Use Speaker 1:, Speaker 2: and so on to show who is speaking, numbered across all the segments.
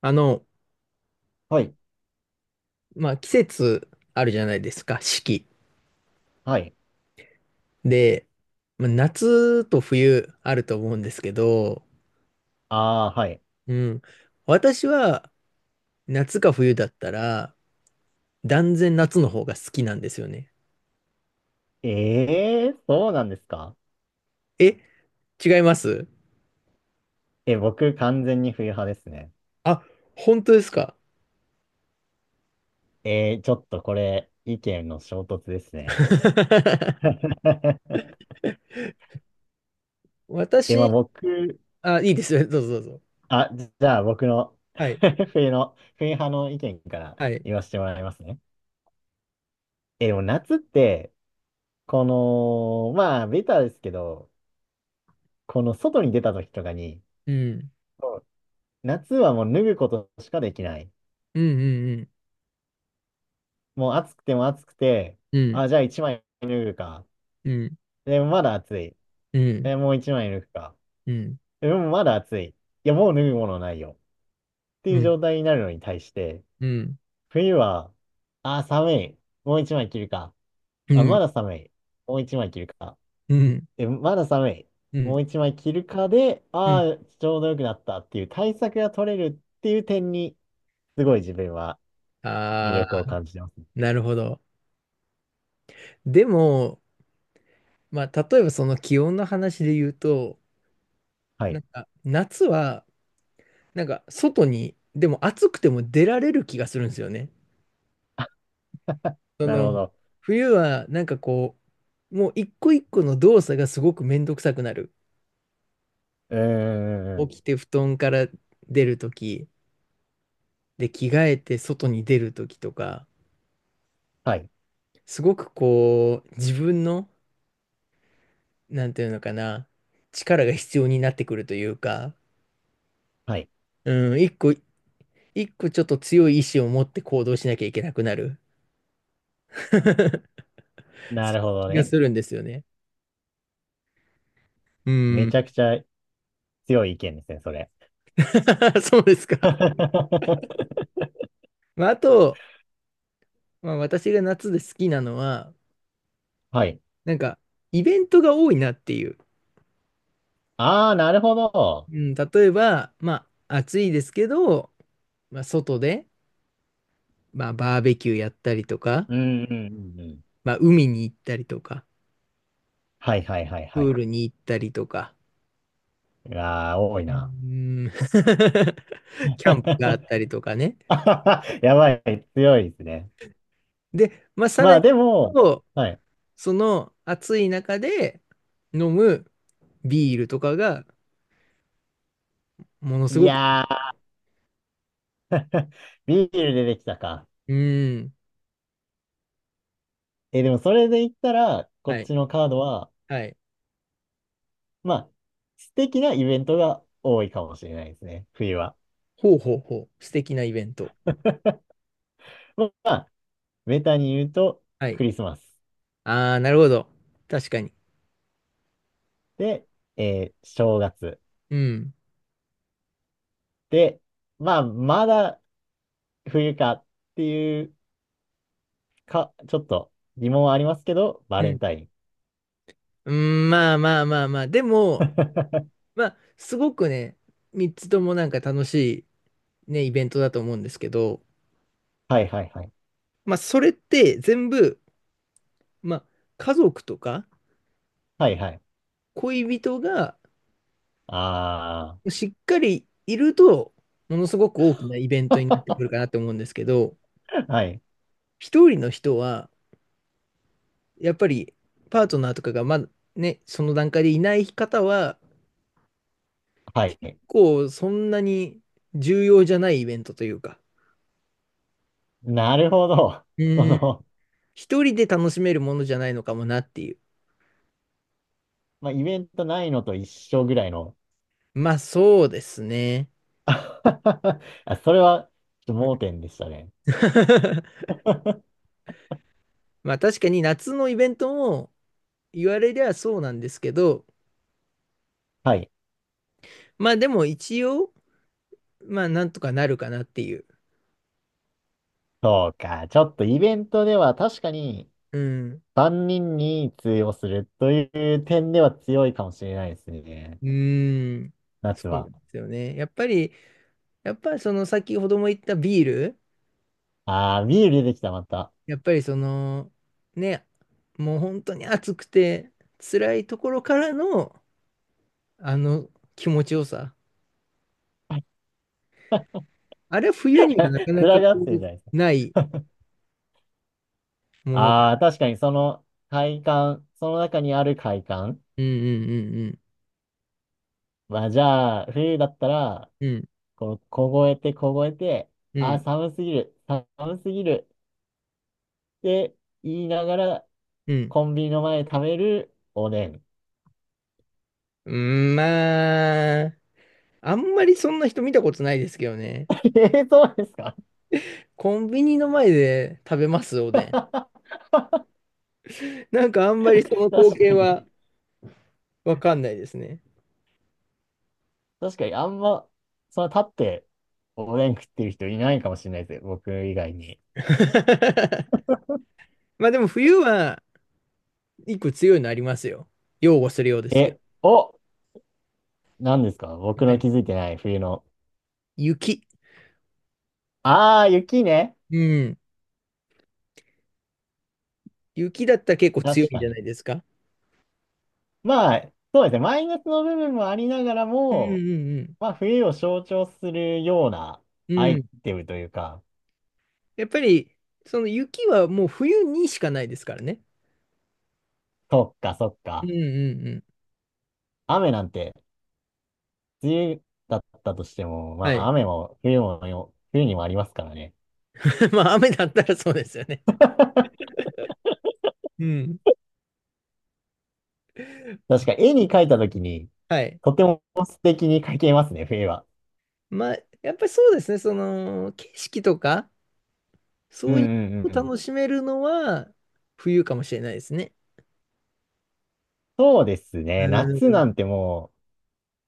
Speaker 1: あの、
Speaker 2: はい。
Speaker 1: まあ、季節あるじゃないですか、四季。
Speaker 2: はい。
Speaker 1: で、まあ、夏と冬あると思うんですけど、
Speaker 2: ああ、はい。
Speaker 1: うん。私は夏か冬だったら、断然夏の方が好きなんですよね。
Speaker 2: ええー、そうなんですか？
Speaker 1: え、違います。
Speaker 2: え、僕完全に冬派ですね。
Speaker 1: あ、本当ですか？
Speaker 2: ちょっとこれ、意見の衝突ですね。まあ
Speaker 1: 私、
Speaker 2: 僕、
Speaker 1: あ、いいですよ。どうぞどうぞ。
Speaker 2: じゃあ僕の
Speaker 1: はい。
Speaker 2: 冬派の意見から
Speaker 1: はい。
Speaker 2: 言わせてもらいますね。でも夏って、まあ、ベタですけど、この外に出た時とかに、
Speaker 1: うん。
Speaker 2: そう夏はもう脱ぐことしかできない。
Speaker 1: うんうん
Speaker 2: もう暑くても暑くて、
Speaker 1: うん。
Speaker 2: あ、じゃあ一枚脱ぐか。
Speaker 1: うん。うん。
Speaker 2: でもまだ暑い。
Speaker 1: うん。
Speaker 2: え、もう一枚抜くか。
Speaker 1: うん。
Speaker 2: でもまだ暑い。いや、もう脱ぐものないよ。ってい
Speaker 1: う
Speaker 2: う
Speaker 1: ん。
Speaker 2: 状態になるのに対して、
Speaker 1: うん。
Speaker 2: 冬は、あー、寒い。もう一枚着るか。
Speaker 1: う
Speaker 2: あ、ま
Speaker 1: ん。
Speaker 2: だ寒い。もう一枚着るか。
Speaker 1: う
Speaker 2: え、まだ寒い。も
Speaker 1: ん。
Speaker 2: う一枚着るかで、
Speaker 1: う
Speaker 2: あ
Speaker 1: ん。
Speaker 2: ーちょうど良くなったっていう対策が取れるっていう点に、すごい自分は魅
Speaker 1: あ
Speaker 2: 力
Speaker 1: あ。
Speaker 2: を感じてます。
Speaker 1: なるほど。でも、まあ、例えばその気温の話で言うと、
Speaker 2: は
Speaker 1: な
Speaker 2: い。
Speaker 1: んか夏は、なんか外に、でも暑くても出られる気がするんですよね。そ
Speaker 2: なるほ
Speaker 1: の、
Speaker 2: ど。
Speaker 1: 冬はなんかこう、もう一個一個の動作がすごくめんどくさくなる。
Speaker 2: うー
Speaker 1: 起
Speaker 2: ん。
Speaker 1: きて布団から出るとき、で、着替えて外に出るときとか、
Speaker 2: はい。
Speaker 1: すごくこう、自分の、なんていうのかな、力が必要になってくるというか、
Speaker 2: はい。
Speaker 1: うん、一個一個ちょっと強い意志を持って行動しなきゃいけなくなる。そういう
Speaker 2: なるほど
Speaker 1: 気が
Speaker 2: ね。
Speaker 1: するんですよね。うー
Speaker 2: め
Speaker 1: ん。
Speaker 2: ちゃくちゃ強い意見ですね、それ。
Speaker 1: そうですか。まあ、あと、まあ、私が夏で好きなのは、
Speaker 2: はい。
Speaker 1: なんか、イベントが多いなっていう。
Speaker 2: ああ、なるほど。
Speaker 1: うん、例えば、まあ、暑いですけど、まあ、外で、まあ、バーベキューやったりとか、
Speaker 2: うんうんうんうん。
Speaker 1: まあ、海に行ったりとか、
Speaker 2: はいはいはいは
Speaker 1: プー
Speaker 2: い。
Speaker 1: ルに行ったりとか、
Speaker 2: うわあ、多い
Speaker 1: うー
Speaker 2: な。
Speaker 1: ん キャン プがあったりとかね。
Speaker 2: やばい、強いですね。
Speaker 1: で、まあ、さ
Speaker 2: ま
Speaker 1: ら
Speaker 2: あ
Speaker 1: に
Speaker 2: で
Speaker 1: 言う
Speaker 2: も、
Speaker 1: と、
Speaker 2: はい。
Speaker 1: その暑い中で飲むビールとかがものす
Speaker 2: い
Speaker 1: ごく、
Speaker 2: やー、ビール出てきたか。
Speaker 1: うーん、
Speaker 2: え、でもそれで言ったら、こ
Speaker 1: は
Speaker 2: っ
Speaker 1: い、
Speaker 2: ちのカードは、
Speaker 1: はい。
Speaker 2: まあ、素敵なイベントが多いかもしれないですね、冬は。
Speaker 1: ほうほうほう、素敵なイベント。
Speaker 2: まあ、ベタに言うと、
Speaker 1: は
Speaker 2: ク
Speaker 1: い。
Speaker 2: リスマス。
Speaker 1: ああ、なるほど。確かに。
Speaker 2: で、正月。
Speaker 1: うん。
Speaker 2: で、まあ、まだ冬かっていうか、ちょっと疑問はありますけど、バ
Speaker 1: う
Speaker 2: レン
Speaker 1: ん。
Speaker 2: タイン。
Speaker 1: うん、まあまあまあまあ。でも、まあ、すごくね、3つともなんか楽しいね、イベントだと思うんですけど、
Speaker 2: はいはいはい。
Speaker 1: まあ、それって全部、まあ、家族とか
Speaker 2: はいはい。
Speaker 1: 恋人が
Speaker 2: あ
Speaker 1: しっかりいると、ものすごく大きなイベントになってく
Speaker 2: あ。
Speaker 1: るかな って思うんですけど、
Speaker 2: はい。
Speaker 1: 一人の人は、やっぱりパートナーとかがまだね、その段階でいない方は、
Speaker 2: は
Speaker 1: 結
Speaker 2: い。
Speaker 1: 構そんなに重要じゃないイベントというか、
Speaker 2: なるほど。
Speaker 1: う
Speaker 2: そ
Speaker 1: ん、
Speaker 2: の、
Speaker 1: 一人で楽しめるものじゃないのかもなっていう。
Speaker 2: まあ、イベントないのと一緒ぐらいの。
Speaker 1: まあそうですね。
Speaker 2: あ、それは、ちょっと
Speaker 1: うん
Speaker 2: 盲点でしたね。
Speaker 1: まあ確かに夏のイベントも言われりゃそうなんですけど、
Speaker 2: はい。
Speaker 1: まあでも一応、まあなんとかなるかなっていう。
Speaker 2: そうか。ちょっとイベントでは確かに
Speaker 1: うん。
Speaker 2: 万人にんに通用するという点では強いかもしれないですね。
Speaker 1: うーん、そ
Speaker 2: 夏
Speaker 1: うな
Speaker 2: は。
Speaker 1: んですよね。やっぱりその先ほども言ったビール、
Speaker 2: ああ、ビール出てきた、また。
Speaker 1: やっぱりその、ね、もう本当に暑くて辛いところからの、あの気持ちよさ。あれは冬にはなかなか
Speaker 2: 面がってるじゃ
Speaker 1: こ
Speaker 2: ないです
Speaker 1: う、
Speaker 2: か。
Speaker 1: ないものかな。
Speaker 2: ああ、確かにその快感、その中にある快感。
Speaker 1: うんうん
Speaker 2: まあじゃあ、冬だったら、
Speaker 1: うんうん。うん
Speaker 2: こう、凍えて凍えて、
Speaker 1: う
Speaker 2: ああ、
Speaker 1: ん
Speaker 2: 寒すぎるって言いながら、
Speaker 1: うん。
Speaker 2: コンビニの前で食べるおでん。
Speaker 1: うん、まあ、あんまりそんな人見たことないですけどね。
Speaker 2: そうですか？
Speaker 1: コンビニの前で食べます、お で
Speaker 2: 確
Speaker 1: ん。なんかあんまりその光景
Speaker 2: かに。
Speaker 1: はわかんないですね。
Speaker 2: 確かに、あんま、その立っておでん食ってる人いないかもしれないですよ。僕以外に。
Speaker 1: まあでも冬は一個強いのありますよ。擁護するようですけど。
Speaker 2: え、お、何ですか
Speaker 1: やっ
Speaker 2: 僕
Speaker 1: ぱり
Speaker 2: の
Speaker 1: ね、
Speaker 2: 気づいてない冬の？
Speaker 1: 雪。
Speaker 2: ああ、雪ね。
Speaker 1: うん。雪だったら結構強
Speaker 2: 確
Speaker 1: いん
Speaker 2: か
Speaker 1: じゃな
Speaker 2: に。
Speaker 1: いですか？
Speaker 2: まあ、そうですね。マイナスの部分もありながら
Speaker 1: うん
Speaker 2: も、
Speaker 1: うん
Speaker 2: まあ、冬を象徴するような
Speaker 1: う
Speaker 2: ア
Speaker 1: ん。う
Speaker 2: イ
Speaker 1: ん。
Speaker 2: テムというか、
Speaker 1: やっぱり、その雪はもう冬にしかないですからね。
Speaker 2: そっかそっ
Speaker 1: うん
Speaker 2: か。
Speaker 1: うんうん。
Speaker 2: 雨なんて、梅雨だったとしても、ま
Speaker 1: は
Speaker 2: あ、
Speaker 1: い。
Speaker 2: 雨も冬もよ、冬にもありますからね。
Speaker 1: まあ雨だったらそうですよね。うん。
Speaker 2: 確か、絵に描いたときに、
Speaker 1: はい。
Speaker 2: とても素敵に描けますね、冬は。
Speaker 1: まあ、やっぱりそうですね。その、景色とか、
Speaker 2: うん
Speaker 1: そ
Speaker 2: う
Speaker 1: ういう
Speaker 2: んうんう
Speaker 1: のを
Speaker 2: ん。
Speaker 1: 楽しめるのは冬かもしれないですね。
Speaker 2: そうです
Speaker 1: う
Speaker 2: ね。夏
Speaker 1: ん。
Speaker 2: なんても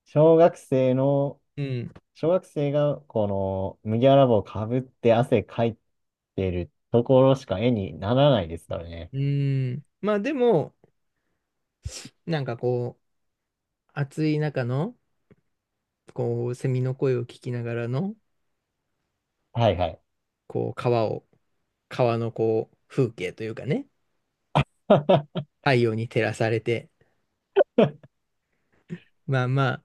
Speaker 2: う、小学生の
Speaker 1: うん。
Speaker 2: 小学生がこの麦わら帽をかぶって汗かいてるところしか絵にならないですからね。
Speaker 1: うーん。まあでも、なんかこう、暑い中の、こう、セミの声を聞きながらの、
Speaker 2: はいはい。
Speaker 1: こう、川のこう、風景というかね、太陽に照らされて、まあまあ、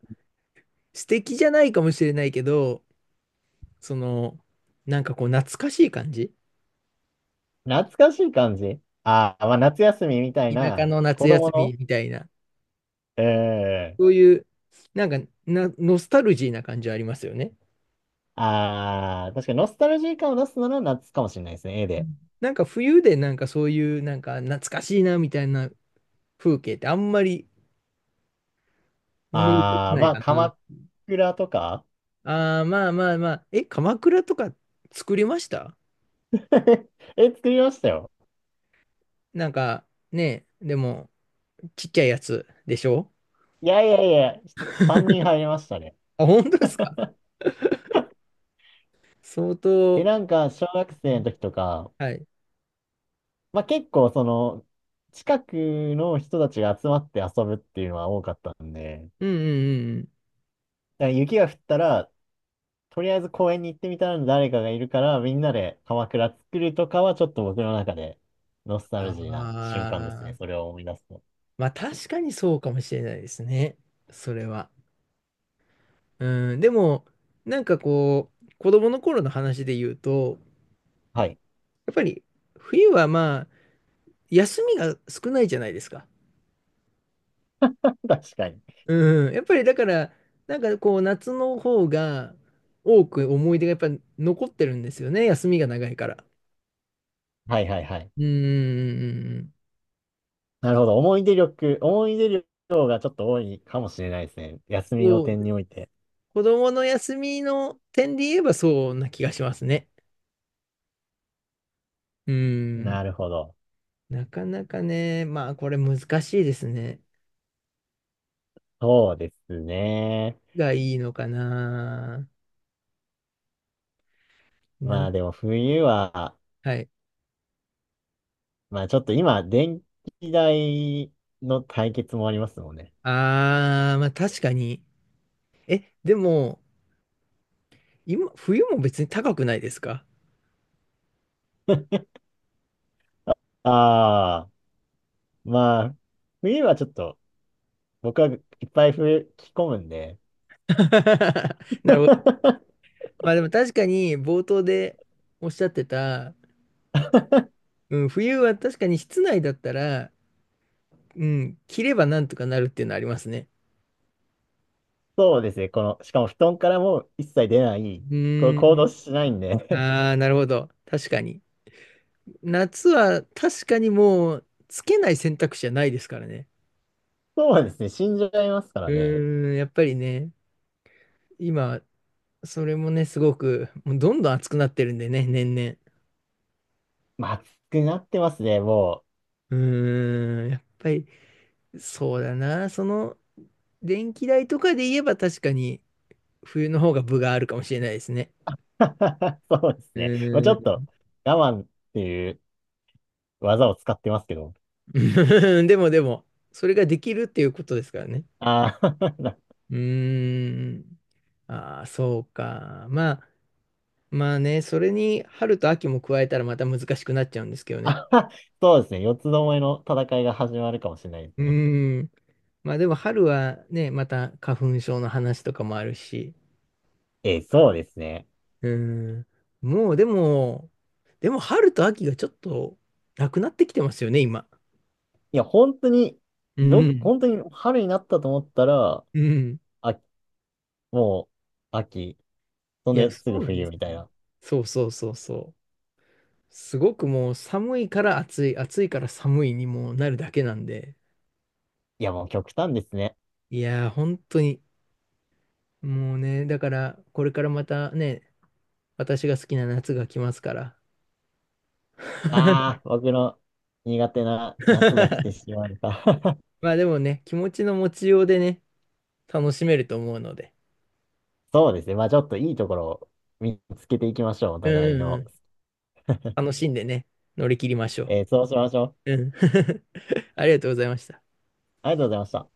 Speaker 1: 素敵じゃないかもしれないけど、その、なんかこう、懐かしい感じ
Speaker 2: 懐かしい感じ、ああー、まあ夏休みみたい
Speaker 1: 田舎
Speaker 2: な
Speaker 1: の夏
Speaker 2: 子供
Speaker 1: 休み
Speaker 2: の、
Speaker 1: みたいな、
Speaker 2: ええ、
Speaker 1: そういう、なんかな、ノスタルジーな感じはありますよね。
Speaker 2: ああー、確かにノスタルジー感を出すなら夏かもしれないですね、絵
Speaker 1: う
Speaker 2: で。
Speaker 1: ん、なんか冬でなんかそういう、なんか懐かしいなみたいな風景ってあんまり、思い浮か
Speaker 2: あ
Speaker 1: ば
Speaker 2: あ、
Speaker 1: ない
Speaker 2: まあ
Speaker 1: かな。
Speaker 2: 鎌倉とか
Speaker 1: ああ、まあまあまあ。え、鎌倉とか作りました。
Speaker 2: 絵作りましたよ。
Speaker 1: なんかね、でも、ちっちゃいやつでしょ？
Speaker 2: いやいやいや、3人入りましたね。
Speaker 1: あ、本当ですか？相
Speaker 2: で、
Speaker 1: 当、
Speaker 2: なんか小学生の時とか、
Speaker 1: はい。
Speaker 2: まあ結構その、近くの人たちが集まって遊ぶっていうのは多かったんで、
Speaker 1: うんうんうんうん。
Speaker 2: だから雪が降ったら、とりあえず公園に行ってみたら誰かがいるから、みんなで鎌倉作るとかはちょっと僕の中でノスタルジーな瞬間です
Speaker 1: あ
Speaker 2: ね。そ
Speaker 1: あ、
Speaker 2: れを思い出すと。
Speaker 1: まあ確かにそうかもしれないですね。それは。うん、でも、なんかこう、子供の頃の話で言うと、
Speaker 2: はい。
Speaker 1: やっぱり冬はまあ、休みが少ないじゃないですか。
Speaker 2: 確かに。
Speaker 1: うん、やっぱりだから、なんかこう夏の方が多く思い出がやっぱ残ってるんですよね、休みが長いから。
Speaker 2: はいはいはい。
Speaker 1: うん、
Speaker 2: なるほど。思い出力がちょっと多いかもしれないですね。休みの
Speaker 1: そう、
Speaker 2: 点において。
Speaker 1: 子供の休みの点で言えばそうな気がしますね。うん、
Speaker 2: なるほど。
Speaker 1: なかなかね、まあこれ難しいですね。
Speaker 2: そうですね。
Speaker 1: がいいのかな。
Speaker 2: ま
Speaker 1: な、
Speaker 2: あでも冬は、
Speaker 1: はい。
Speaker 2: まあちょっと今、電気代の対決もありますもんね。
Speaker 1: あー、まあ確かに。え、でも、今、冬も別に高くないですか？
Speaker 2: ああ、まあ、冬はちょっと、僕はいっぱい冬着込むんで、
Speaker 1: なるほど。まあでも確かに冒頭でおっしゃってた、うん、冬は確かに室内だったら、うん、着ればなんとかなるっていうのはありますね。
Speaker 2: そうですね、この、しかも布団からもう一切出ない、
Speaker 1: う
Speaker 2: これ
Speaker 1: ー
Speaker 2: 行
Speaker 1: ん。
Speaker 2: 動しないんで、
Speaker 1: ああ、なるほど。確かに。夏は確かにもうつけない選択肢じゃないですからね。
Speaker 2: そうですね、死んじゃいますか
Speaker 1: う
Speaker 2: らね。
Speaker 1: ーん、やっぱりね、今、それもね、すごく、もうどんどん暑くなってるんでね、年々。
Speaker 2: まあ、暑くなってますね、も
Speaker 1: うーん、やっぱりそうだな。その、電気代とかで言えば確かに冬の方が分があるかもしれないですね。
Speaker 2: う。そうですね。まあ、ちょ
Speaker 1: ー、
Speaker 2: っ
Speaker 1: う
Speaker 2: と、我慢っていう技を使ってますけど。
Speaker 1: ーん でも、それができるっていうことですからね。
Speaker 2: ああ、
Speaker 1: うーん。ああ、そうか。まあね、それに春と秋も加えたらまた難しくなっちゃうんですけど ね。
Speaker 2: あ、そうですね。四つどもえの戦いが始まるかもしれないです
Speaker 1: う
Speaker 2: ね。
Speaker 1: ーん。まあでも春はね、また花粉症の話とかもあるし、
Speaker 2: そうですね。
Speaker 1: うん。もうでも春と秋がちょっとなくなってきてますよね、今。
Speaker 2: いや、本当に、
Speaker 1: うん。
Speaker 2: 本当に春になったと思ったら、
Speaker 1: うん。
Speaker 2: あ、もう、秋。そん
Speaker 1: いや、
Speaker 2: で
Speaker 1: そ
Speaker 2: すぐ
Speaker 1: うなんで
Speaker 2: 冬
Speaker 1: す
Speaker 2: み
Speaker 1: よ
Speaker 2: たい
Speaker 1: ね。
Speaker 2: な。
Speaker 1: そうそうそうそう。すごくもう寒いから暑い、暑いから寒いにもうなるだけなんで。
Speaker 2: いや、もう極端ですね。
Speaker 1: いやー、本当に。もうね、だから、これからまたね、私が好きな夏が来ますから。
Speaker 2: ああ、僕の苦手な夏が来てし まった。
Speaker 1: まあでもね、気持ちの持ちようでね、楽しめると思うので。
Speaker 2: そうですね。まあちょっといいところを見つけていきましょう。お
Speaker 1: うん
Speaker 2: 互い
Speaker 1: うんう
Speaker 2: の。
Speaker 1: ん。楽しんでね、乗り切りましょう。
Speaker 2: えーそうしましょう。
Speaker 1: うん。ありがとうございました。
Speaker 2: ありがとうございました。